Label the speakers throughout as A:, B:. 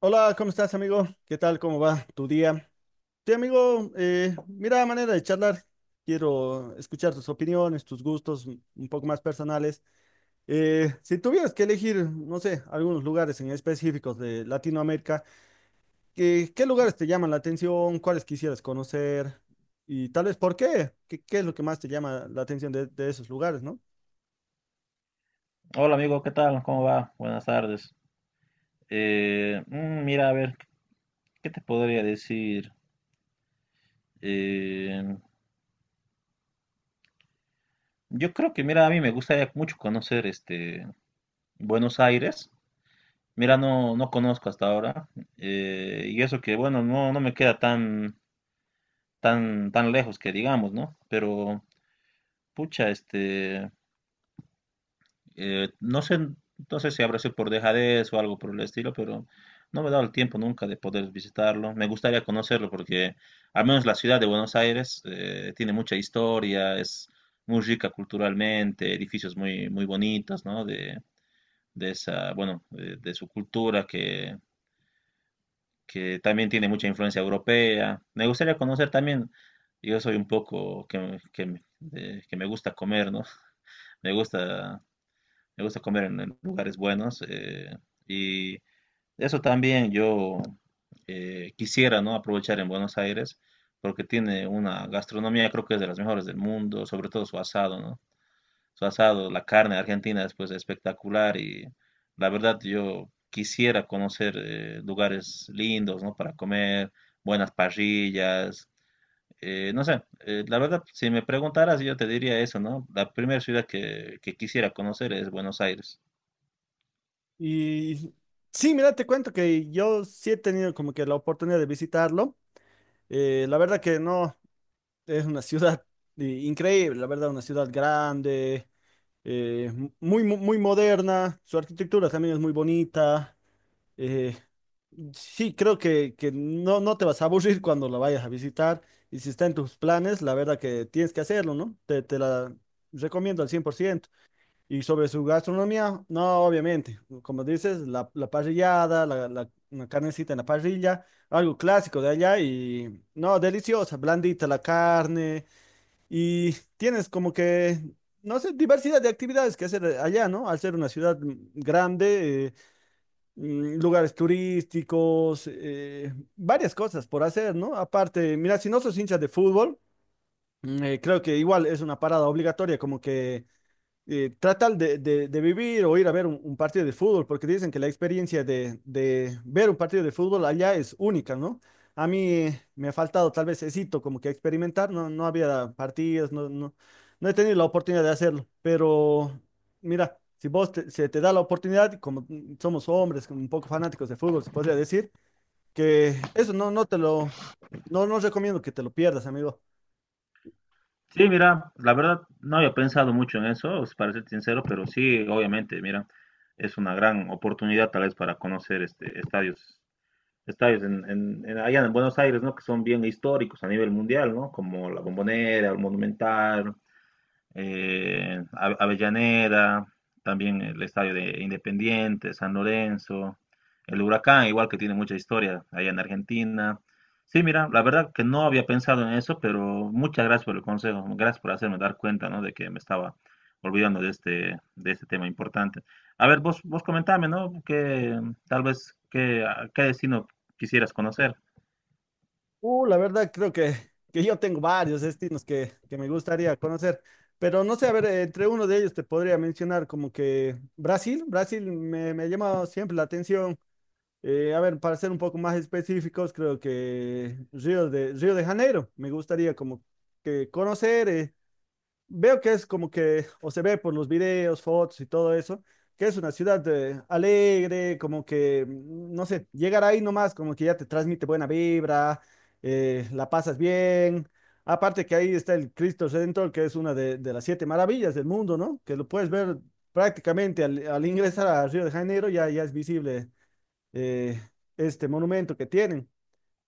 A: Hola, ¿cómo estás, amigo? ¿Qué tal? ¿Cómo va tu día? Sí, amigo, mira, manera de charlar. Quiero escuchar tus opiniones, tus gustos un poco más personales. Si tuvieras que elegir, no sé, algunos lugares en específicos de Latinoamérica, ¿qué lugares te llaman la atención? ¿Cuáles quisieras conocer? Y tal vez, ¿por qué? ¿Qué es lo que más te llama la atención de esos lugares, ¿no?
B: Hola amigo, ¿qué tal? ¿Cómo va? Buenas tardes. Mira, a ver, ¿qué te podría decir? Eh, yo creo que, mira, a mí me gustaría mucho conocer este Buenos Aires. Mira, no, no conozco hasta ahora. Y eso que, bueno, no, no me queda tan, tan, tan lejos que digamos, ¿no? Pero, pucha, no sé, no sé si habrá sido por dejadez o algo por el estilo, pero no me he dado el tiempo nunca de poder visitarlo. Me gustaría conocerlo porque al menos la ciudad de Buenos Aires tiene mucha historia, es muy rica culturalmente, edificios muy, muy bonitos, ¿no? De esa, bueno, de su cultura que también tiene mucha influencia europea. Me gustaría conocer también, yo soy un poco que me gusta comer, ¿no? Me gusta Me gusta comer en lugares buenos, y eso también yo quisiera, ¿no? Aprovechar en Buenos Aires porque tiene una gastronomía, creo que es de las mejores del mundo, sobre todo su asado, ¿no? Su asado, la carne argentina es pues espectacular y la verdad yo quisiera conocer lugares lindos, ¿no? Para comer, buenas parrillas, no sé, la verdad, si me preguntaras yo te diría eso, ¿no? La primera ciudad que quisiera conocer es Buenos Aires.
A: Y sí, mira, te cuento que yo sí he tenido como que la oportunidad de visitarlo. La verdad que no. Es una ciudad increíble, la verdad, una ciudad grande, muy, muy moderna, su arquitectura también es muy bonita. eh, sí, creo que no, no te vas a aburrir cuando la vayas a visitar, y si está en tus planes, la verdad que tienes que hacerlo, ¿no? Te la recomiendo al 100%. Y sobre su gastronomía, no, obviamente, como dices, la parrillada, una carnecita en la parrilla, algo clásico de allá y, no, deliciosa, blandita la carne. Y tienes como que, no sé, diversidad de actividades que hacer allá, ¿no? Al ser una ciudad grande, lugares turísticos, varias cosas por hacer, ¿no? Aparte, mira, si no sos hincha de fútbol, creo que igual es una parada obligatoria, como que tratan de, de vivir o ir a ver un partido de fútbol, porque dicen que la experiencia de ver un partido de fútbol allá es única, ¿no? A mí me ha faltado tal vez esito como que experimentar, no, no había partidos, no, no, no he tenido la oportunidad de hacerlo, pero mira, si vos se te da la oportunidad, como somos hombres, como un poco fanáticos de fútbol, se podría decir, que eso no, no te lo, no, no recomiendo que te lo pierdas, amigo.
B: Sí, mira, la verdad no había pensado mucho en eso, para ser sincero, pero sí, obviamente, mira, es una gran oportunidad tal vez para conocer este estadios, estadios allá en Buenos Aires, ¿no? Que son bien históricos a nivel mundial, ¿no? Como la Bombonera, el Monumental, Avellaneda, también el estadio de Independiente, San Lorenzo, el Huracán, igual que tiene mucha historia allá en Argentina. Sí, mira, la verdad que no había pensado en eso, pero muchas gracias por el consejo, gracias por hacerme dar cuenta, ¿no? De que me estaba olvidando de de este tema importante. A ver, vos, vos comentame, ¿no? Que tal vez qué, a qué destino quisieras conocer.
A: La verdad creo que yo tengo varios destinos que me gustaría conocer, pero no sé, a ver, entre uno de ellos te podría mencionar como que Brasil, Brasil me, me ha llamado siempre la atención. A ver, para ser un poco más específicos, creo que Río de Janeiro, me gustaría como que conocer. Veo que es como que, o se ve por los videos, fotos y todo eso, que es una ciudad alegre, como que, mm, no sé, llegar ahí nomás, como que ya te transmite buena vibra, la pasas bien. Aparte que ahí está el Cristo Redentor, que es una de las 7 maravillas del mundo, ¿no? Que lo puedes ver prácticamente al, al ingresar a Río de Janeiro, ya, ya es visible eh, este monumento que tienen.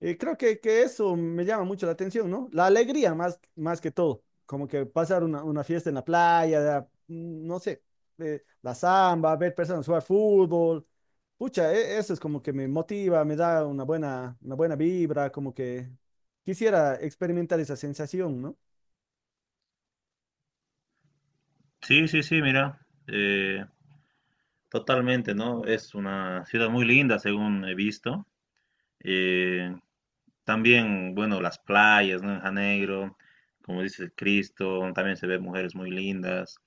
A: Creo que eso me llama mucho la atención, ¿no? La alegría más, más que todo, como que pasar una fiesta en la playa, mm, no sé, la samba, ver personas jugar fútbol, pucha, eso es como que me motiva, me da una buena vibra, como que quisiera experimentar esa sensación, ¿no?
B: Sí, sí, sí, mira, eh, totalmente, ¿no? Es una ciudad muy linda, según he visto. Eh, También, bueno, las playas, ¿no? En Janeiro, como dice Cristo, también se ve mujeres muy lindas.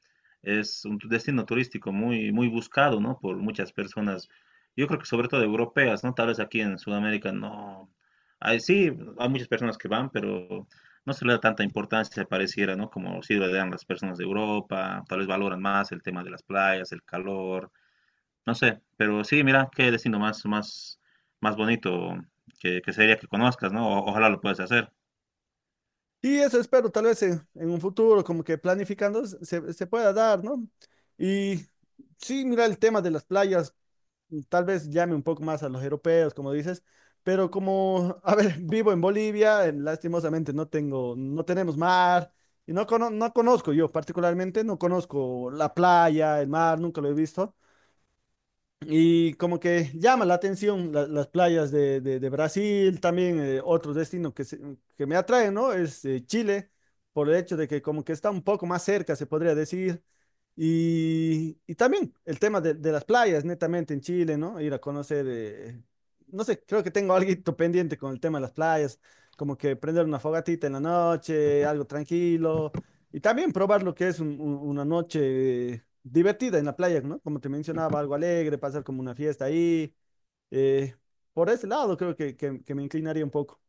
B: Es un destino turístico muy, muy buscado, ¿no? Por muchas personas. Yo creo que sobre todo europeas, ¿no? Tal vez aquí en Sudamérica no. Hay, sí, hay muchas personas que van, pero no se le da tanta importancia, pareciera, ¿no? Como sí le dan las personas de Europa, tal vez valoran más el tema de las playas, el calor, no sé, pero sí, mira, qué destino más, más, más bonito que sería que conozcas, ¿no? Ojalá lo puedas hacer.
A: Y eso espero tal vez en un futuro, como que planificando se, se pueda dar, ¿no? Y sí, mira el tema de las playas. Tal vez llame un poco más a los europeos, como dices, pero como, a ver, vivo en Bolivia, lastimosamente no tengo, no tenemos mar, y no, no conozco yo particularmente, no conozco la playa, el mar, nunca lo he visto. Y como que llama la atención las playas de, de Brasil, también otro destino que, que me atrae, ¿no? Es Chile, por el hecho de que como que está un poco más cerca, se podría decir. Y también el tema de las playas, netamente en Chile, ¿no? Ir a conocer, no sé, creo que tengo algo pendiente con el tema de las playas, como que prender una fogatita en la noche, algo tranquilo, y también probar lo que es una noche divertida en la playa, ¿no? Como te mencionaba, algo alegre, pasar como una fiesta ahí. eh, por ese lado creo que, que me inclinaría un poco.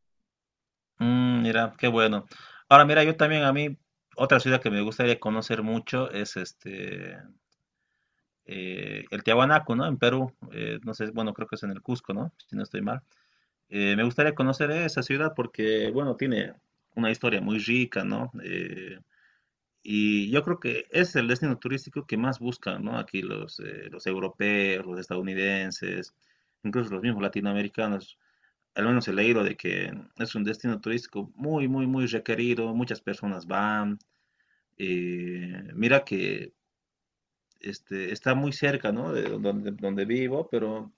B: Mm, mira, qué bueno. Ahora, mira, yo también a mí, otra ciudad que me gustaría conocer mucho es el Tiahuanaco, ¿no? En Perú, no sé, bueno, creo que es en el Cusco, ¿no? Si no estoy mal. Me gustaría conocer esa ciudad porque, bueno, tiene una historia muy rica, ¿no? Y yo creo que es el destino turístico que más buscan, ¿no? Aquí los europeos, los estadounidenses, incluso los mismos latinoamericanos. Al menos he leído de que es un destino turístico muy, muy, muy requerido. Muchas personas van. Mira que está muy cerca, ¿no? De donde, donde vivo, pero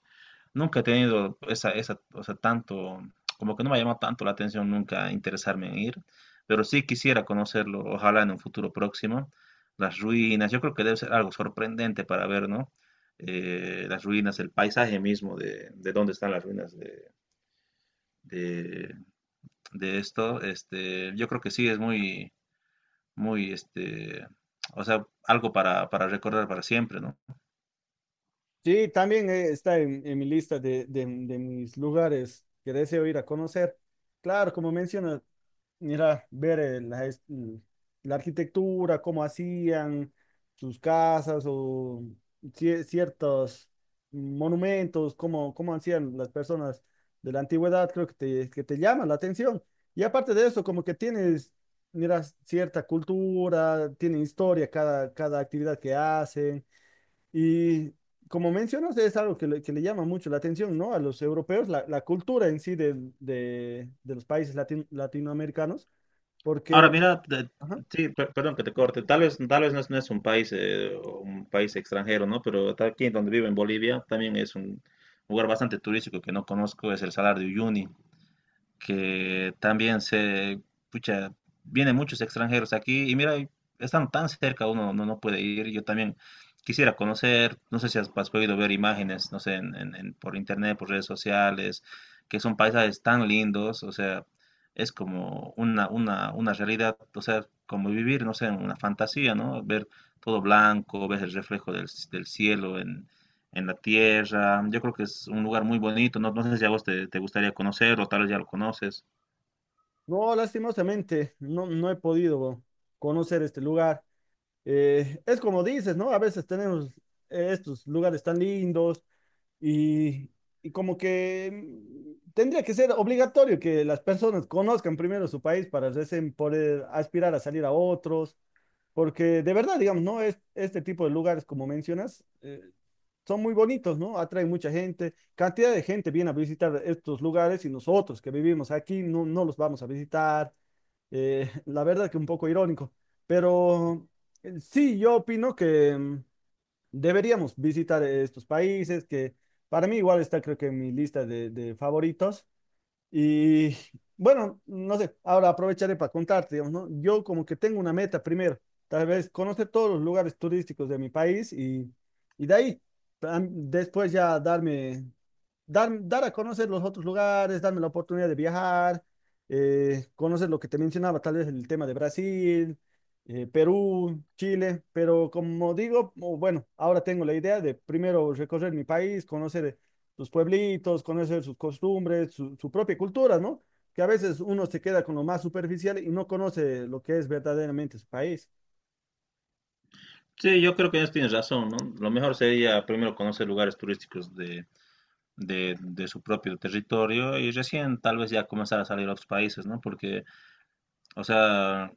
B: nunca he tenido esa, esa, o sea, tanto, como que no me ha llamado tanto la atención nunca interesarme en ir, pero sí quisiera conocerlo, ojalá en un futuro próximo. Las ruinas, yo creo que debe ser algo sorprendente para ver, ¿no? Las ruinas, el paisaje mismo de dónde están las ruinas de, yo creo que sí es muy, muy, este, o sea, algo para recordar para siempre, ¿no?
A: Sí, también está en mi lista de, de mis lugares que deseo ir a conocer. Claro, como mencionas, mira, ver la, la arquitectura, cómo hacían sus casas o ciertos monumentos, cómo, cómo hacían las personas de la antigüedad, creo que te llama la atención. Y aparte de eso, como que tienes, mira, cierta cultura, tiene historia cada, cada actividad que hacen. Y como mencionas, es algo que le llama mucho la atención, ¿no? A los europeos, la cultura en sí de los países latinoamericanos
B: Ahora
A: porque,
B: mira, de-
A: ajá,
B: sí, perdón que te corte,
A: sí, sí.
B: tal vez no es, no es un país extranjero, ¿no? Pero aquí donde vivo en Bolivia también es un lugar bastante turístico que no conozco, es el Salar de Uyuni que también se, pucha, vienen muchos extranjeros aquí y mira, y están tan cerca, uno no, no puede ir. Yo también quisiera conocer, no sé si has, has podido ver imágenes, no sé, por internet, por redes sociales, que son paisajes tan lindos, o sea, es como una realidad, o sea, como vivir, no sé, en una fantasía, ¿no? Ver todo blanco, ves el reflejo del, del cielo en la tierra. Yo creo que es un lugar muy bonito. No, no sé si a vos te, te gustaría conocerlo, tal vez ya lo conoces.
A: No, lastimosamente, no, no he podido conocer este lugar. Es como dices, ¿no? A veces tenemos estos lugares tan lindos y, y como que tendría que ser obligatorio que las personas conozcan primero su país para recién poder aspirar a salir a otros. Porque de verdad, digamos, ¿no? Es, este tipo de lugares, como mencionas, son muy bonitos, ¿no? Atraen mucha gente. Cantidad de gente viene a visitar estos lugares y nosotros que vivimos aquí no, no los vamos a visitar. La verdad que un poco irónico, pero sí, yo opino que deberíamos visitar estos países, que para mí igual está creo que en mi lista de favoritos. Y bueno, no sé, ahora aprovecharé para contarte, digamos, ¿no? Yo como que tengo una meta primero, tal vez conocer todos los lugares turísticos de mi país y de ahí, después ya darme dar a conocer los otros lugares, darme la oportunidad de viajar, conocer lo que te mencionaba, tal vez el tema de Brasil, Perú, Chile, pero como digo, o bueno, ahora tengo la idea de primero recorrer mi país, conocer sus pueblitos, conocer sus costumbres, su propia cultura, ¿no? Que a veces uno se queda con lo más superficial y no conoce lo que es verdaderamente su país.
B: Sí, yo creo que ellos tienes razón, ¿no? Lo mejor sería primero conocer lugares turísticos de su propio territorio y recién tal vez ya comenzar a salir a otros países, ¿no? Porque, o sea,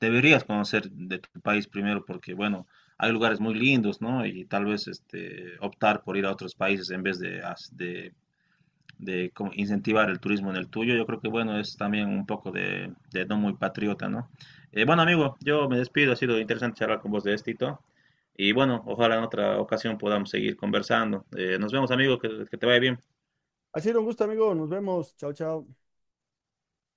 B: deberías conocer de tu país primero porque, bueno, hay lugares muy lindos, ¿no? Y tal vez este, optar por ir a otros países en vez de, de como incentivar el turismo en el tuyo, yo creo que bueno, es también un poco de no muy patriota, ¿no? Bueno, amigo, yo me despido, ha sido interesante charlar con vos de esto y bueno, ojalá en otra ocasión podamos seguir conversando. Nos vemos, amigo, que te vaya bien.
A: Ha sido un gusto, amigo. Nos vemos. Chao, chao.